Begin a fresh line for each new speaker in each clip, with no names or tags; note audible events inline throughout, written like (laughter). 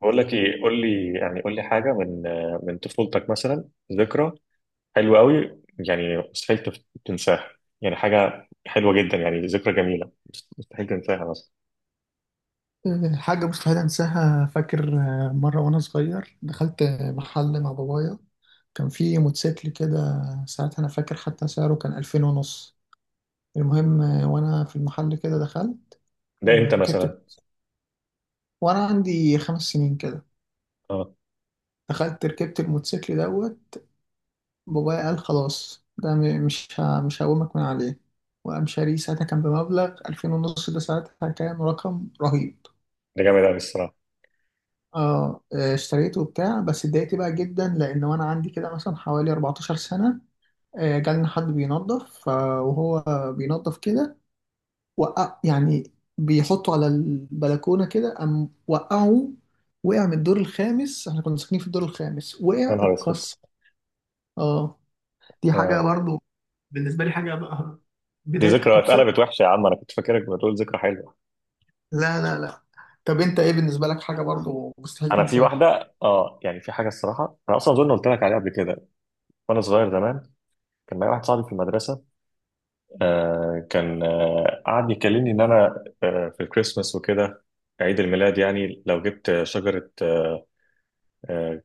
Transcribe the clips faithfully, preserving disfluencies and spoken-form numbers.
بقول لك ايه، قول لي يعني قول لي حاجه من من طفولتك مثلا، ذكرى حلوه قوي، يعني مستحيل تف- تنساها، يعني حاجه حلوه جدا يعني ذكرى جميله، مست- مستحيل تنساها مثلا.
حاجة مستحيل أنساها، فاكر، آه، مرة وأنا صغير دخلت محل مع بابايا. كان في موتوسيكل كده. ساعتها أنا فاكر حتى سعره كان ألفين ونص. المهم، آه، وأنا في المحل كده دخلت،
ده
آه،
امتى
ركبت
مثلا؟
وأنا عندي خمس سنين كده.
اه.
دخلت ركبت الموتوسيكل دوت. بابايا قال خلاص، ده م- مش ه- مش هقومك من عليه. وقام شاريه. ساعتها كان بمبلغ ألفين ونص، ده ساعتها كان رقم رهيب.
ده جامد قوي الصراحه.
اه، آه، اشتريته وبتاع. بس اتضايقت بقى جدا، لان وانا عندي كده مثلا حوالي أربعتاشر سنه، آه، جالنا حد بينظف، آه، وهو بينظف كده وقع يعني. بيحطه على البلكونه كده، قام وقعه. وقع من الدور الخامس، احنا كنا ساكنين في الدور الخامس،
يا
وقع
نهار اسود.
اتكسر. اه، دي حاجه
آه.
برضو بالنسبه لي حاجه بقى (laughs)
دي
بدايه
ذكرى
بتبسط.
اتقلبت وحشه يا عم، انا كنت فاكرك بتقول ذكرى حلوه.
لا لا لا. طب انت ايه بالنسبه لك حاجه برضو مستحيل
انا في
تنساها؟
واحده، اه يعني في حاجه الصراحه، انا اصلا اظن قلت لك عليها قبل كده. وانا صغير زمان كان معايا واحد صاحبي في المدرسه، آه كان آه قعد يكلمني ان انا آه في الكريسماس وكده، عيد الميلاد يعني لو جبت شجرة آه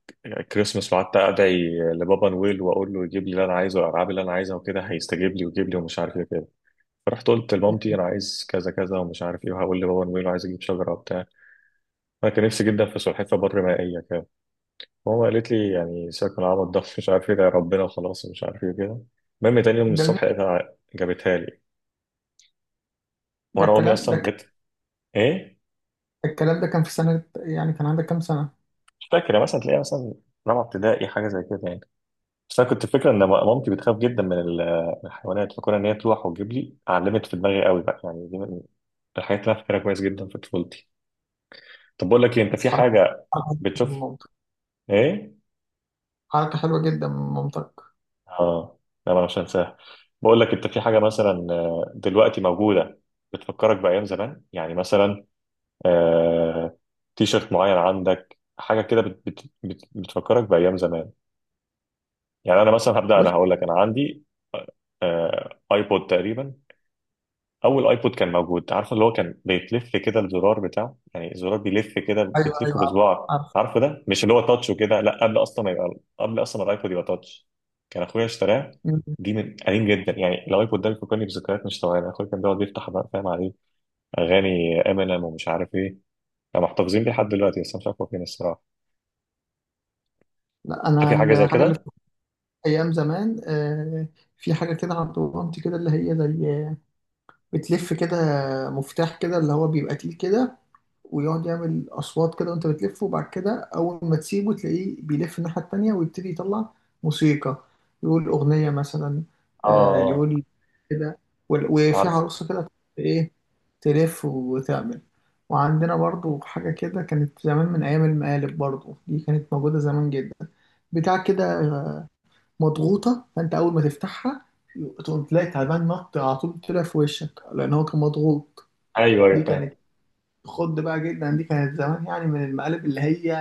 كريسماس، وقعدت ادعي لبابا نويل واقول له يجيب لي اللي انا عايزه والالعاب اللي انا عايزها وكده هيستجيب لي ويجيب لي ومش عارف ايه كده. فرحت قلت لمامتي انا عايز كذا كذا ومش عارف ايه وهقول لبابا نويل وعايز اجيب شجرة وبتاع. انا كان نفسي جدا في سلحفاة بر مائية كده. ماما قالت لي يعني سيبك من العبط ده مش عارف ايه ده ربنا وخلاص ومش عارف ايه كده. المهم تاني يوم
ده
الصبح لقيتها جابتها لي.
ده
وانا امي
الكلام
اصلا
ده
بت ايه،
الكلام ده كان في سنة، يعني كان عندك كام سنة؟
مش فاكر يعني، مثلا تلاقيها مثلا رابعه ابتدائي حاجه زي كده يعني. بس انا كنت فاكره ان مامتي بتخاف جدا من ال- من الحيوانات، فكون ان هي تروح وتجيب لي علمت في دماغي قوي بقى، يعني دي من الحاجات اللي انا فاكرها كويس جدا في طفولتي. طب بقول لك إيه، انت
بس
في
حركة
حاجه
حركة
بتشوف؟
ممتع.
ايه؟
حركة حلوة جدا من مامتك.
اه. لا انا مش هنساها. بقول لك انت في حاجه مثلا آه، دلوقتي موجوده بتفكرك بايام زمان، يعني مثلا آه، تيشرت معين، عندك حاجه كده بت بت بت بتفكرك بايام زمان. يعني انا مثلا هبدا،
بص.
انا هقول لك انا عندي آه، ايبود تقريبا، اول ايبود كان موجود، عارفه اللي هو كان بيتلف كده الزرار بتاعه، يعني الزرار بيلف كده
أيوه أيوه،
بتلفه
عارف
بصباعك.
عارف.
عارفه ده مش اللي هو تاتش وكده، لا قبل اصلا ما يبقى، قبل اصلا ما الايبود يبقى تاتش، كان اخويا اشتراه.
مم.
دي من قديم جدا يعني، الايبود ده بيفكرني بذكريات مش طبيعيه، اخويا كان بيقعد يفتح بقى فاهم عليه اغاني امينيم ومش عارف ايه. كانوا محتفظين بيه لحد دلوقتي بس أنا مش عارف هو فين الصراحه.
لا أنا
فاكر حاجه زي
الحاجة اللي
كده.
فاكرها أيام زمان، آه، في حاجة كده عند مامتي كده اللي هي زي بتلف كده. مفتاح كده اللي هو بيبقى تقيل كده، ويقعد يعمل اصوات كده وانت بتلف، وبعد كده اول ما تسيبه تلاقيه بيلف الناحيه التانيه، ويبتدي يطلع موسيقى، يقول اغنيه مثلا. آه،
اه،
يقول كده. وال- وفي
عارف.
عروسه كده، ايه، تلف وتعمل. وعندنا برضو حاجه كده كانت زمان، من ايام المقالب، برضو دي كانت موجوده زمان جدا. بتاع كده مضغوطه، فانت اول ما تفتحها تقوم تلاقي تعبان نط على طول طلع في وشك، لان هو كان مضغوط.
ايوه ايوه
دي
فاهم.
كانت خد بقى جدا، دي كانت زمان يعني من المقالب اللي هي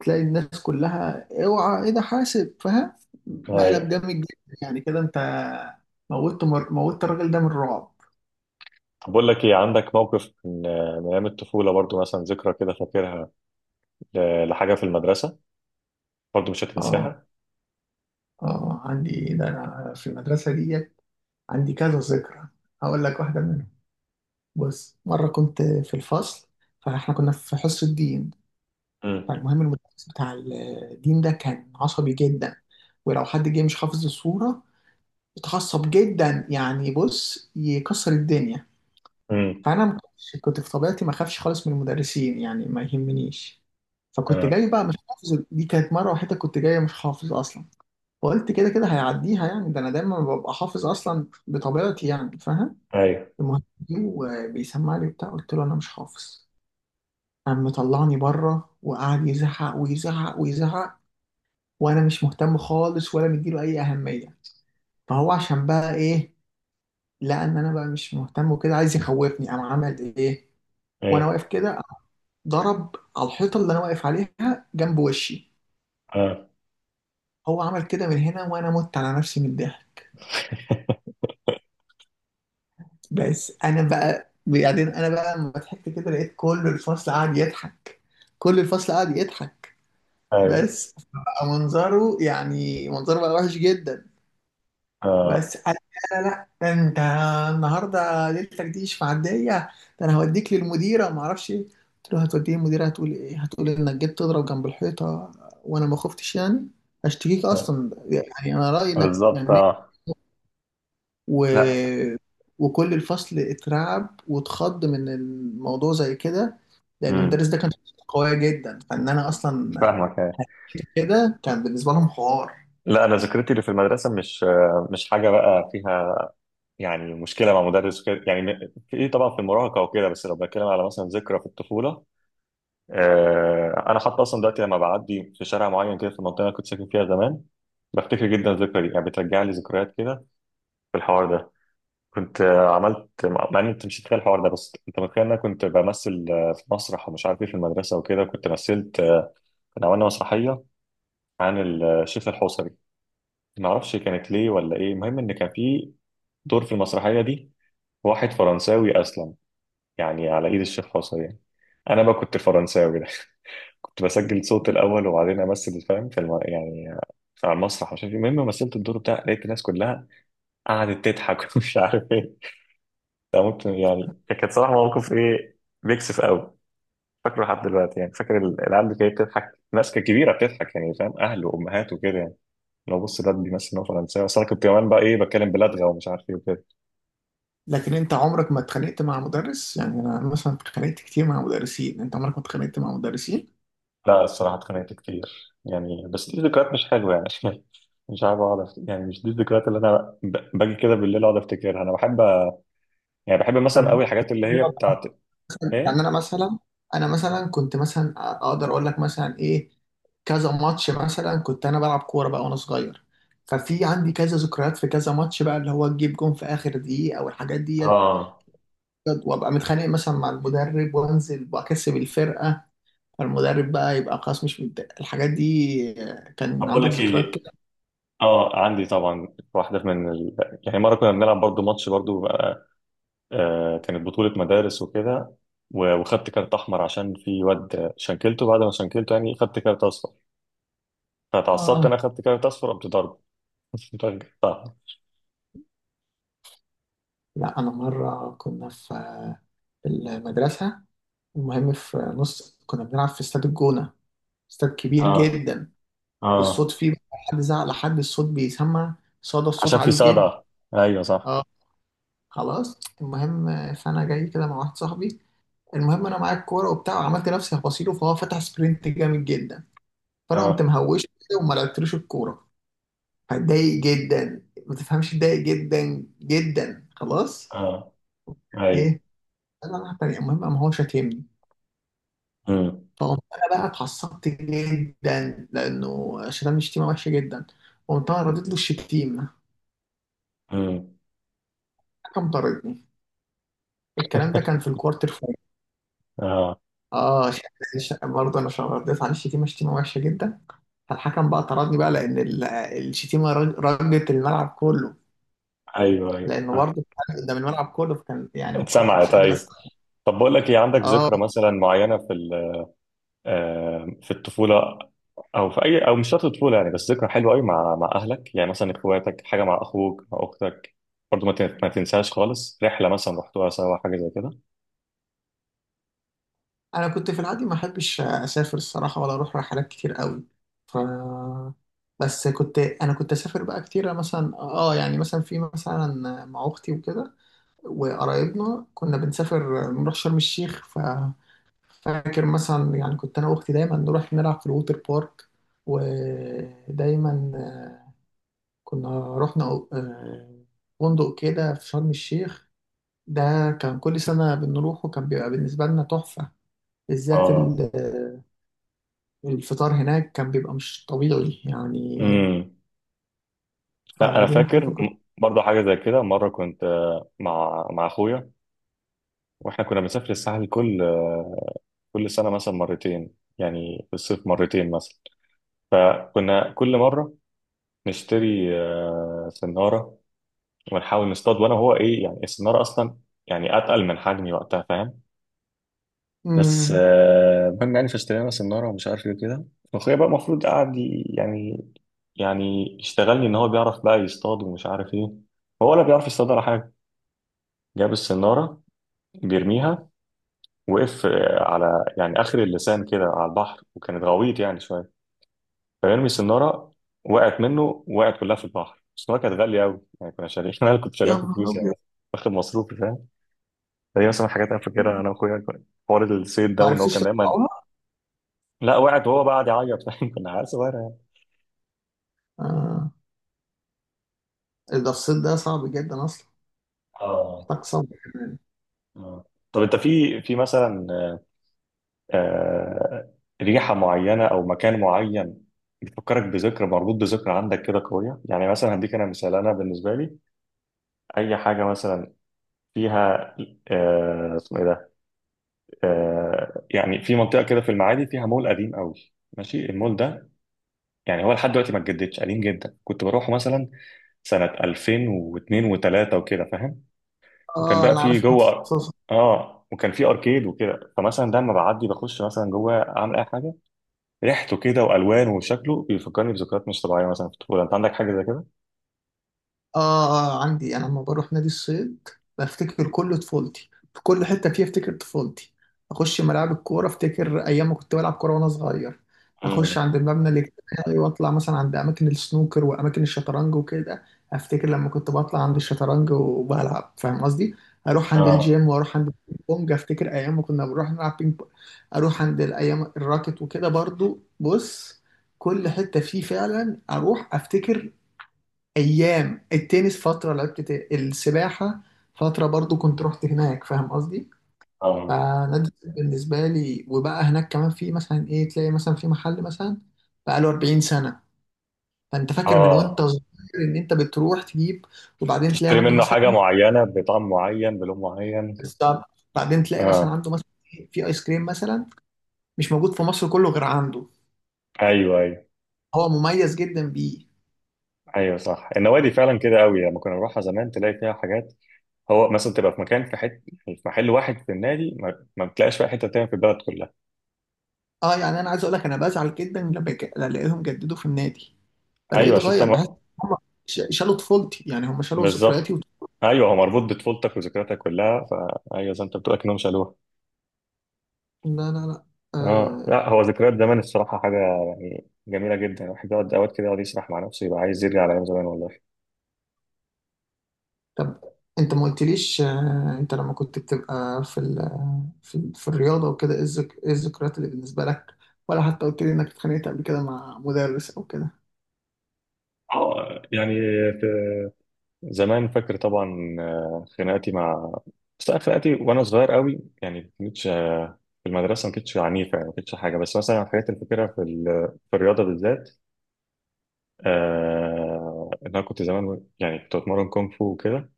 تلاقي الناس كلها اوعى ايه ده حاسب، فاهم؟ مقلب
أيوة.
جامد جدا يعني. كده انت موتت مر... موتت الراجل ده من الرعب.
بقول لك ايه، عندك موقف من من ايام الطفوله برضو، مثلا ذكرى كده فاكرها ل- لحاجه في المدرسه برضو مش
اه،
هتنساها؟
اه، عندي، ده انا في المدرسه دي عندي كذا ذكرى. هقول لك واحده منهم. بص، مره كنت في الفصل، فاحنا كنا في حصه الدين.
امم.
فالمهم المدرس بتاع الدين ده كان عصبي جدا، ولو حد جه مش حافظ الصوره متعصب جدا يعني، بص، يكسر الدنيا.
امم.
فانا ما كنتش- كنت في طبيعتي ما اخافش خالص من المدرسين، يعني ما يهمنيش. فكنت
اه.
جاي بقى مش حافظ، دي كانت مره وحيده كنت جاي مش حافظ اصلا. فقلت كده كده هيعديها، يعني ده انا دايما ببقى حافظ اصلا بطبيعتي، يعني فاهم.
ايوه
المهم، بيسمع لي بتاع قلت له انا مش حافظ. قام مطلعني بره وقعد يزعق ويزعق ويزعق، وانا مش مهتم خالص ولا مديله اي اهميه. فهو عشان بقى ايه، لان انا بقى مش مهتم وكده عايز يخوفني، قام عمل ايه، وانا
ايوه.
واقف كده قام ضرب على الحيطه اللي انا واقف عليها جنب وشي.
اه.
هو عمل كده من هنا، وانا مت على نفسي من الضحك. بس انا بقى بعدين انا بقى لما ضحكت كده، لقيت كل الفصل قاعد يضحك، كل الفصل قاعد يضحك.
ايوه.
بس بقى منظره يعني منظره بقى وحش جدا.
اه.
بس قال، لا لا لا، ده انت النهارده ليلتك دي مش معديه، ده انا هوديك للمديره ما اعرفش ايه. قلت له، هتوديه المديره، هتقول ايه؟ هتقول انك جيت تضرب جنب الحيطه؟ وانا ما خفتش يعني، هشتكيك
آه.
اصلا يعني، انا رايي انك
بالظبط.
يعني
اه.
و...
لا.
وكل الفصل اترعب واتخض من الموضوع زي كده، لان المدرس
امم.
ده كان شخصيته قويه جدا. فان انا
مش
اصلا
فاهمك، ايوه.
كده كان بالنسبه لهم حوار.
لا انا ذكرتي اللي في المدرسه مش آه، مش حاجه بقى فيها يعني مشكله مع مدرس وكده، يعني في ايه طبعا في المراهقه وكده، بس لو بتكلم على مثلا ذكرى في الطفوله، آه، انا حتى اصلا دلوقتي لما بعدي في شارع معين كده في المنطقه اللي أنا كنت ساكن فيها زمان بفتكر جدا الذكرى دي، يعني بترجع لي ذكريات كده في الحوار ده. كنت آه، عملت مع مع ان انت مش هتخيل الحوار ده، بس انت متخيل ان انا كنت بمثل آه، في مسرح ومش عارف ايه في المدرسه وكده، كنت مثلت آه، كنا عملنا مسرحيه عن الشيخ الحوصري. ما اعرفش كانت ليه ولا ايه، المهم ان كان في دور في المسرحيه دي واحد فرنساوي اسلم يعني على ايد الشيخ الحوصري يعني. انا بقى كنت الفرنساوي ده. (laughs) كنت بسجل صوت الاول وبعدين امثل فاهم في الم... يعني على المسرح مش عارف ايه، المهم مثلت الدور بتاع لقيت الناس كلها قعدت تضحك (laughs) ومش عارف ايه. ده ممكن يعني كانت صراحة موقف ايه، بيكسف قوي، فاكره لحد دلوقتي، يعني فاكر ال- العيال اللي كانت بتضحك، ناس كانت كبيرة بتضحك يعني فاهم، أهل وأمهات وكده يعني، لو بص ده بيمثل إن هو فرنساوي أصل أنا كنت كمان بقى إيه بتكلم بلدغة ومش عارف إيه وكده.
لكن انت عمرك ما اتخانقت مع مدرس؟ يعني انا مثلا اتخانقت كتير مع مدرسين. انت عمرك ما اتخانقت مع مدرسين؟
لا الصراحة اتخانقت كتير يعني بس دي ذكريات مش حلوة يعني. (laughs) مش عارف أقعد أفت- يعني مش دي الذكريات اللي أنا ب- باجي كده بالليل أقعد أفتكرها. أنا بحب يعني بحب مثلا
طب
قوي الحاجات اللي هي بتاعت
يعني
إيه؟
انا مثلا انا مثلا كنت مثلا اقدر اقول لك مثلا ايه، كذا ماتش مثلا كنت انا بلعب كوره بقى وانا صغير. ففي عندي كذا ذكريات في كذا ماتش بقى، اللي هو تجيب جون في اخر دقيقه او الحاجات ديت،
اه.
وابقى متخانق مثلا مع المدرب وانزل واكسب الفرقه. فالمدرب بقى يبقى خلاص مش متضايق. الحاجات دي، آه،
طب
كان
بقول
عندك
لك
ذكريات
ايه.
كده؟
اه عندي طبعا واحده من ال... يعني مره كنا بنلعب برضو ماتش برضو بقى، آه كانت بطوله مدارس وكده، و- وخدت كارت احمر عشان في واد شنكلته، بعد ما شنكلته يعني خدت كارت اصفر، فتعصبت انا
اه،
خدت كارت اصفر قمت ضربه. (laughs) ضربة صح.
لا، أنا مرة كنا في في المدرسة، المهم في نص كنا بنلعب في استاد الجونة، استاد كبير
اه.
جدا. والصوت
اه.
فيه بقى، حد زعق لحد الصوت بيسمع، صدى الصوت
عشان في
عالي جدا.
صدع. ايوه صح.
اه خلاص المهم. فأنا جاي كده مع واحد صاحبي، المهم أنا معايا الكورة وبتاع، وعملت نفسي هبصيله فهو فتح سبرنت جامد جدا. فأنا قمت
اه.
مهوش كده وما لعبتلوش الكورة. فاتضايق جدا، ما تفهمش، اتضايق جدا جدا خلاص.
اه. ايوه.
ايه. انا راح تاني، المهم قام هو شتمني.
امم.
فقمت انا بقى اتعصبت جدا، لانه شتمني شتيمه وحشه جدا. قمت انا رديت له الشتيمه،
امم.
كم طردني. الكلام ده كان في
(laughs)
الكوارتر فاينل.
اه.
اه، ش- ش- برضه انا ش- رديت عليه الشتيمه شتيمه وحشه جدا. فالحكم بقى طردني بقى، لان ال- الشتيمه رج- رجت الملعب كله.
ايوه ايوه.
لانه
آه.
برضه قدام الملعب كله، فكان يعني ما كنتش
اتسمعت
قادر
ايوه.
استوعب.
طب بقول لك ايه عندك
اه،
ذكرى مثلا معينه في آم، في الطفولة، أو في أي، أو مش شرط الطفولة يعني بس ذكرى حلوة أوي مع مع أهلك يعني، مثلا إخواتك حاجة مع أخوك مع أختك برضه ما تن- ما تنساش خالص، رحلة مثلا رحتوها سوا حاجة زي كده.
انا كنت في العادي ما احبش اسافر الصراحه، ولا اروح رحلات كتير قوي. ف بس كنت، انا كنت اسافر بقى كتير مثلا. اه يعني مثلا في مثلا مع اختي وكده، وقرايبنا كنا بنسافر نروح شرم الشيخ. ف فاكر مثلا يعني كنت انا واختي دايما نروح نلعب في الووتر بارك. ودايما آه، كنا رحنا آه، فندق كده في شرم الشيخ، ده كان كل سنة بنروحه، كان بيبقى بالنسبة لنا تحفة. بالذات
اه.
الفطار هناك كان بيبقى مش طبيعي يعني.
امم. لا أنا
فدي من الحاجات
فاكر
اللي كنت.
م- برضه حاجة زي كده، مرة كنت آه، مع مع أخويا، وإحنا كنا بنسافر الساحل كل آه، كل سنة مثلا مرتين يعني، في الصيف مرتين مثلا، فكنا كل مرة نشتري آه، سنارة ونحاول نصطاد، وانا هو ايه يعني السناره اصلا يعني اتقل من حجمي وقتها فاهم، بس
مم.
آه، المهم يعني فاشترينا سناره ومش عارف ايه كده، واخويا بقى المفروض قاعد ي- يعني، يعني يشتغلني ان هو بيعرف بقى يصطاد ومش عارف ايه، هو ولا بيعرف يصطاد ولا حاجه. جاب السناره بيرميها، وقف آه، على يعني اخر اللسان كده على البحر، وكانت غويط يعني شويه، فيرمي السناره وقعت منه، وقعت كلها في البحر. السناره كانت غاليه قوي يعني كنا شاريين (laughs) انا كنت
يا
شاريها
نهار
بفلوس
أبيض.
يعني، واخد مصروفي فاهم. هي مثلا الحاجات انا
يا
فاكرها
نهار-
انا واخويا حوار الصيد ده
ما
وان هو
عرفتوش
كان دايما.
تطلعوها؟
لا وقعت وهو بقى قاعد يعيط فاهم. (laughs) كنا عيال صغيره يعني.
آه. ده الصيد ده صعب جدا أصلا،
اه.
محتاج صبر كمان.
اه. طب انت في في مثلا آه، آه، ريحه معينه او مكان معين بيفكرك بذكرى، مربوط بذكرى عندك كده قويه يعني، مثلا هديك انا مثال، انا بالنسبه لي اي حاجه مثلا فيها آه، اسمه ايه ده آه، يعني في منطقه كده في المعادي فيها مول قديم قوي، ماشي المول ده، يعني هو لحد دلوقتي ما اتجددش، قديم جدا، كنت بروحه مثلا سنة ألفين و اثنين و3 وكده فاهم، وكان
اه،
بقى
انا
فيه
عارف انت.
جوه، اه وكان فيه اركيد وكده، فمثلا ده لما بعدي بخش مثلا جوه اعمل اي حاجه، ريحته كده والوانه وشكله بيفكرني بذكريات مش طبيعيه مثلا في الطفوله، انت عندك حاجه زي كده؟
آه. آه، عندي. أنا لما بروح نادي الصيد بفتكر كل طفولتي. في كل حتة فيها أفتكر طفولتي. أخش ملاعب الكورة أفتكر أيام ما كنت بلعب كورة وأنا صغير. أخش
امم.
عند المبنى الاجتماعي وأطلع مثلا عند أماكن السنوكر وأماكن الشطرنج وكده، أفتكر لما كنت بطلع عند الشطرنج وبلعب، فاهم قصدي؟ أروح عند
اه.
الجيم وأروح عند البينج بونج، أفتكر أيام ما كنا بنروح نلعب بينج بونج. أروح عند الأيام الراكت وكده برضو. بص، كل حتة فيه فعلا أروح أفتكر. ايام التنس، فتره لعبت ت- السباحه فتره برضو كنت رحت هناك، فاهم قصدي.
اه.
فنادي الصيد بالنسبه لي. وبقى هناك كمان في مثلا ايه، تلاقي مثلا في محل مثلا بقى له أربعين سنه، فانت فاكر من وانت
اه.
صغير ان انت بتروح تجيب، وبعدين تلاقي
تشتري
عنده
منه حاجه
مثلا.
معينه بطعم معين بلون معين.
بالظبط. بعدين تلاقي مثلا
اه.
عنده مثلا إيه، في ايس كريم مثلا مش موجود في مصر كله غير عنده،
ايوه ايوه.
هو مميز جدا بيه.
ايوه صح، النوادي فعلا كده قوي لما كنا نروحها زمان تلاقي فيها حاجات، هو مثلا تبقى في مكان في حته في محل واحد في النادي ما، ما بتلاقيش بقى حته تانية في البلد كلها.
اه، يعني انا عايز اقول لك، انا بزعل جدا لما ك- لما الاقيهم جددوا في النادي، بلاقيه
ايوه عشان انت
اتغير، بحس
م-
هم شالوا طفولتي يعني، هم شالوا ذكرياتي
بالظبط.
وط...
ايوه هو مربوط بطفولتك وذكرياتك كلها، فايوه زي ما انت بتقول اكنهم شالوها.
لا لا لا.
اه
آه...
لا هو ذكريات زمان الصراحه حاجه يعني جميله جدا، الواحد يقعد اوقات كده يقعد يسرح مع نفسه يبقى عايز يرجع لايام زمان والله.
طب انت ما قلتليش، آه... انت لما كنت بتبقى في ال... في, ال... في الرياضه وكده، ايه الذك... ايه الذكريات اللي بالنسبه لك، ولا حتى قلت لي انك اتخانقت قبل كده مع مدرس او كده.
اه يعني في زمان فاكر طبعا آه، خناقاتي مع، بس لا، خناقاتي وانا صغير قوي يعني ما كنتش، في المدرسه ما كنتش عنيفه يعني ما كنتش حاجه، بس مثلا الحاجات اللي فاكرها في ال- في الرياضه بالذات، آه إن أنا كنت زمان يعني كنت بتمرن كونغ فو وكده،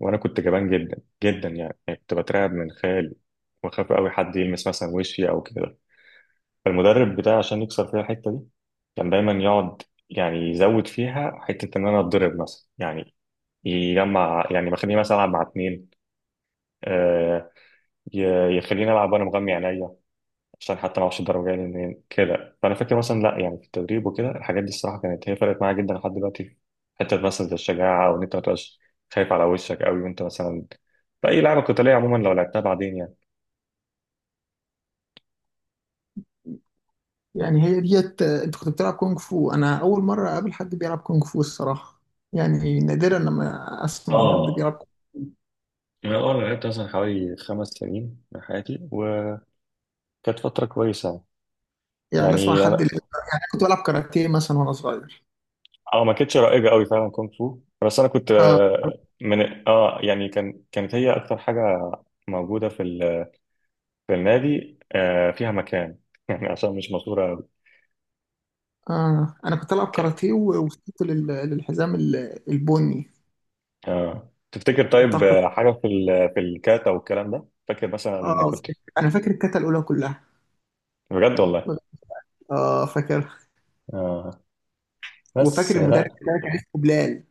وأنا كنت جبان جدا جدا يعني، يعني كنت بترعب من خيالي وأخاف أوي حد يلمس مثلا وشي أو كده. فالمدرب بتاعي عشان يكسر فيها الحتة دي كان دايما يقعد يعني يزود فيها حتة إن أنا أتضرب مثلا يعني، يجمع يعني بخليني مثلا ألعب مع اتنين، آه ي- يخليني ألعب وأنا مغمي عينيا عشان حتى ما اعرفش الدرجه يعني منين كده. فانا فاكر مثلا لا يعني في التدريب وكده الحاجات دي الصراحه كانت هي فرقت معايا جدا لحد دلوقتي في حته مثلا زي الشجاعه، او ان انت ما تبقاش خايف على وشك قوي وانت مثلا في اي لعبه قتاليه عموما لو لعبتها بعدين يعني.
يعني هي ديت، آه، انت كنت بتلعب كونغ فو؟ انا اول مره اقابل حد بيلعب كونغ فو الصراحه. يعني نادرا لما اسمع ان حد
اه
بيلعب.
انا اول ما لعبت مثلا حوالي خمس سنين من حياتي وكانت فتره كويسه.
يعني اسمع
يعني
حد اللي...
انا
يعني كنت بلعب كاراتيه مثلا وانا صغير.
اه ما كانتش رائجه قوي فعلا كونغ فو، بس انا كنت
اه،
آه، من اه يعني كان كانت هي اكتر حاجه موجوده في ال- في النادي آه، فيها مكان (laughs) يعني عشان مش مشهوره.
آه أنا كنت ألعب
ك-
كاراتيه و- ووصلت لل- للحزام ال- البني.
اه تفتكر طيب
الطاقة.
آه، حاجة في ال... في الكاتا والكلام ده فاكر مثلا إن
آه،
كنت،
فاكر. أنا فاكر الكتا الأولى كلها.
بجد والله.
آه، فاكر.
اه. بس
وفاكر
آه،
المدرب
لا.
بتاعي كان اسمه بلال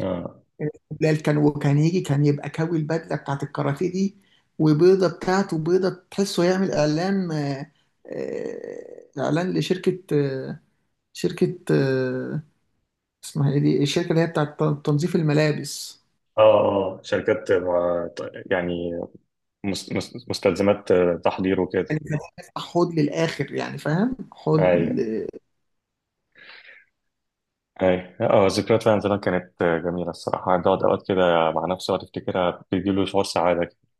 اه.
كان اسمه بلال كان وكان يجي كان يبقى كوي البدلة بتاعت الكاراتيه دي، وبيضة بتاعته بيضة تحسه يعمل إعلان، آه، آه، إعلان لشركة، آه، شركة آه، اسمها إيه دي الشركة اللي هي بتاعت تنظيف الملابس.
اه آه، شركات مع- يعني مس- مس- مستلزمات آه، تحضير وكده.
يعني كان يفتح حوض للآخر، يعني فاهم، حوض.
ايوه. ايوه. اه ذكريات فعلا زمان كانت آه، جميلة الصراحة، بتقعد اوقات كده مع نفسي وتفتكرها بتديله شعور سعادة كده.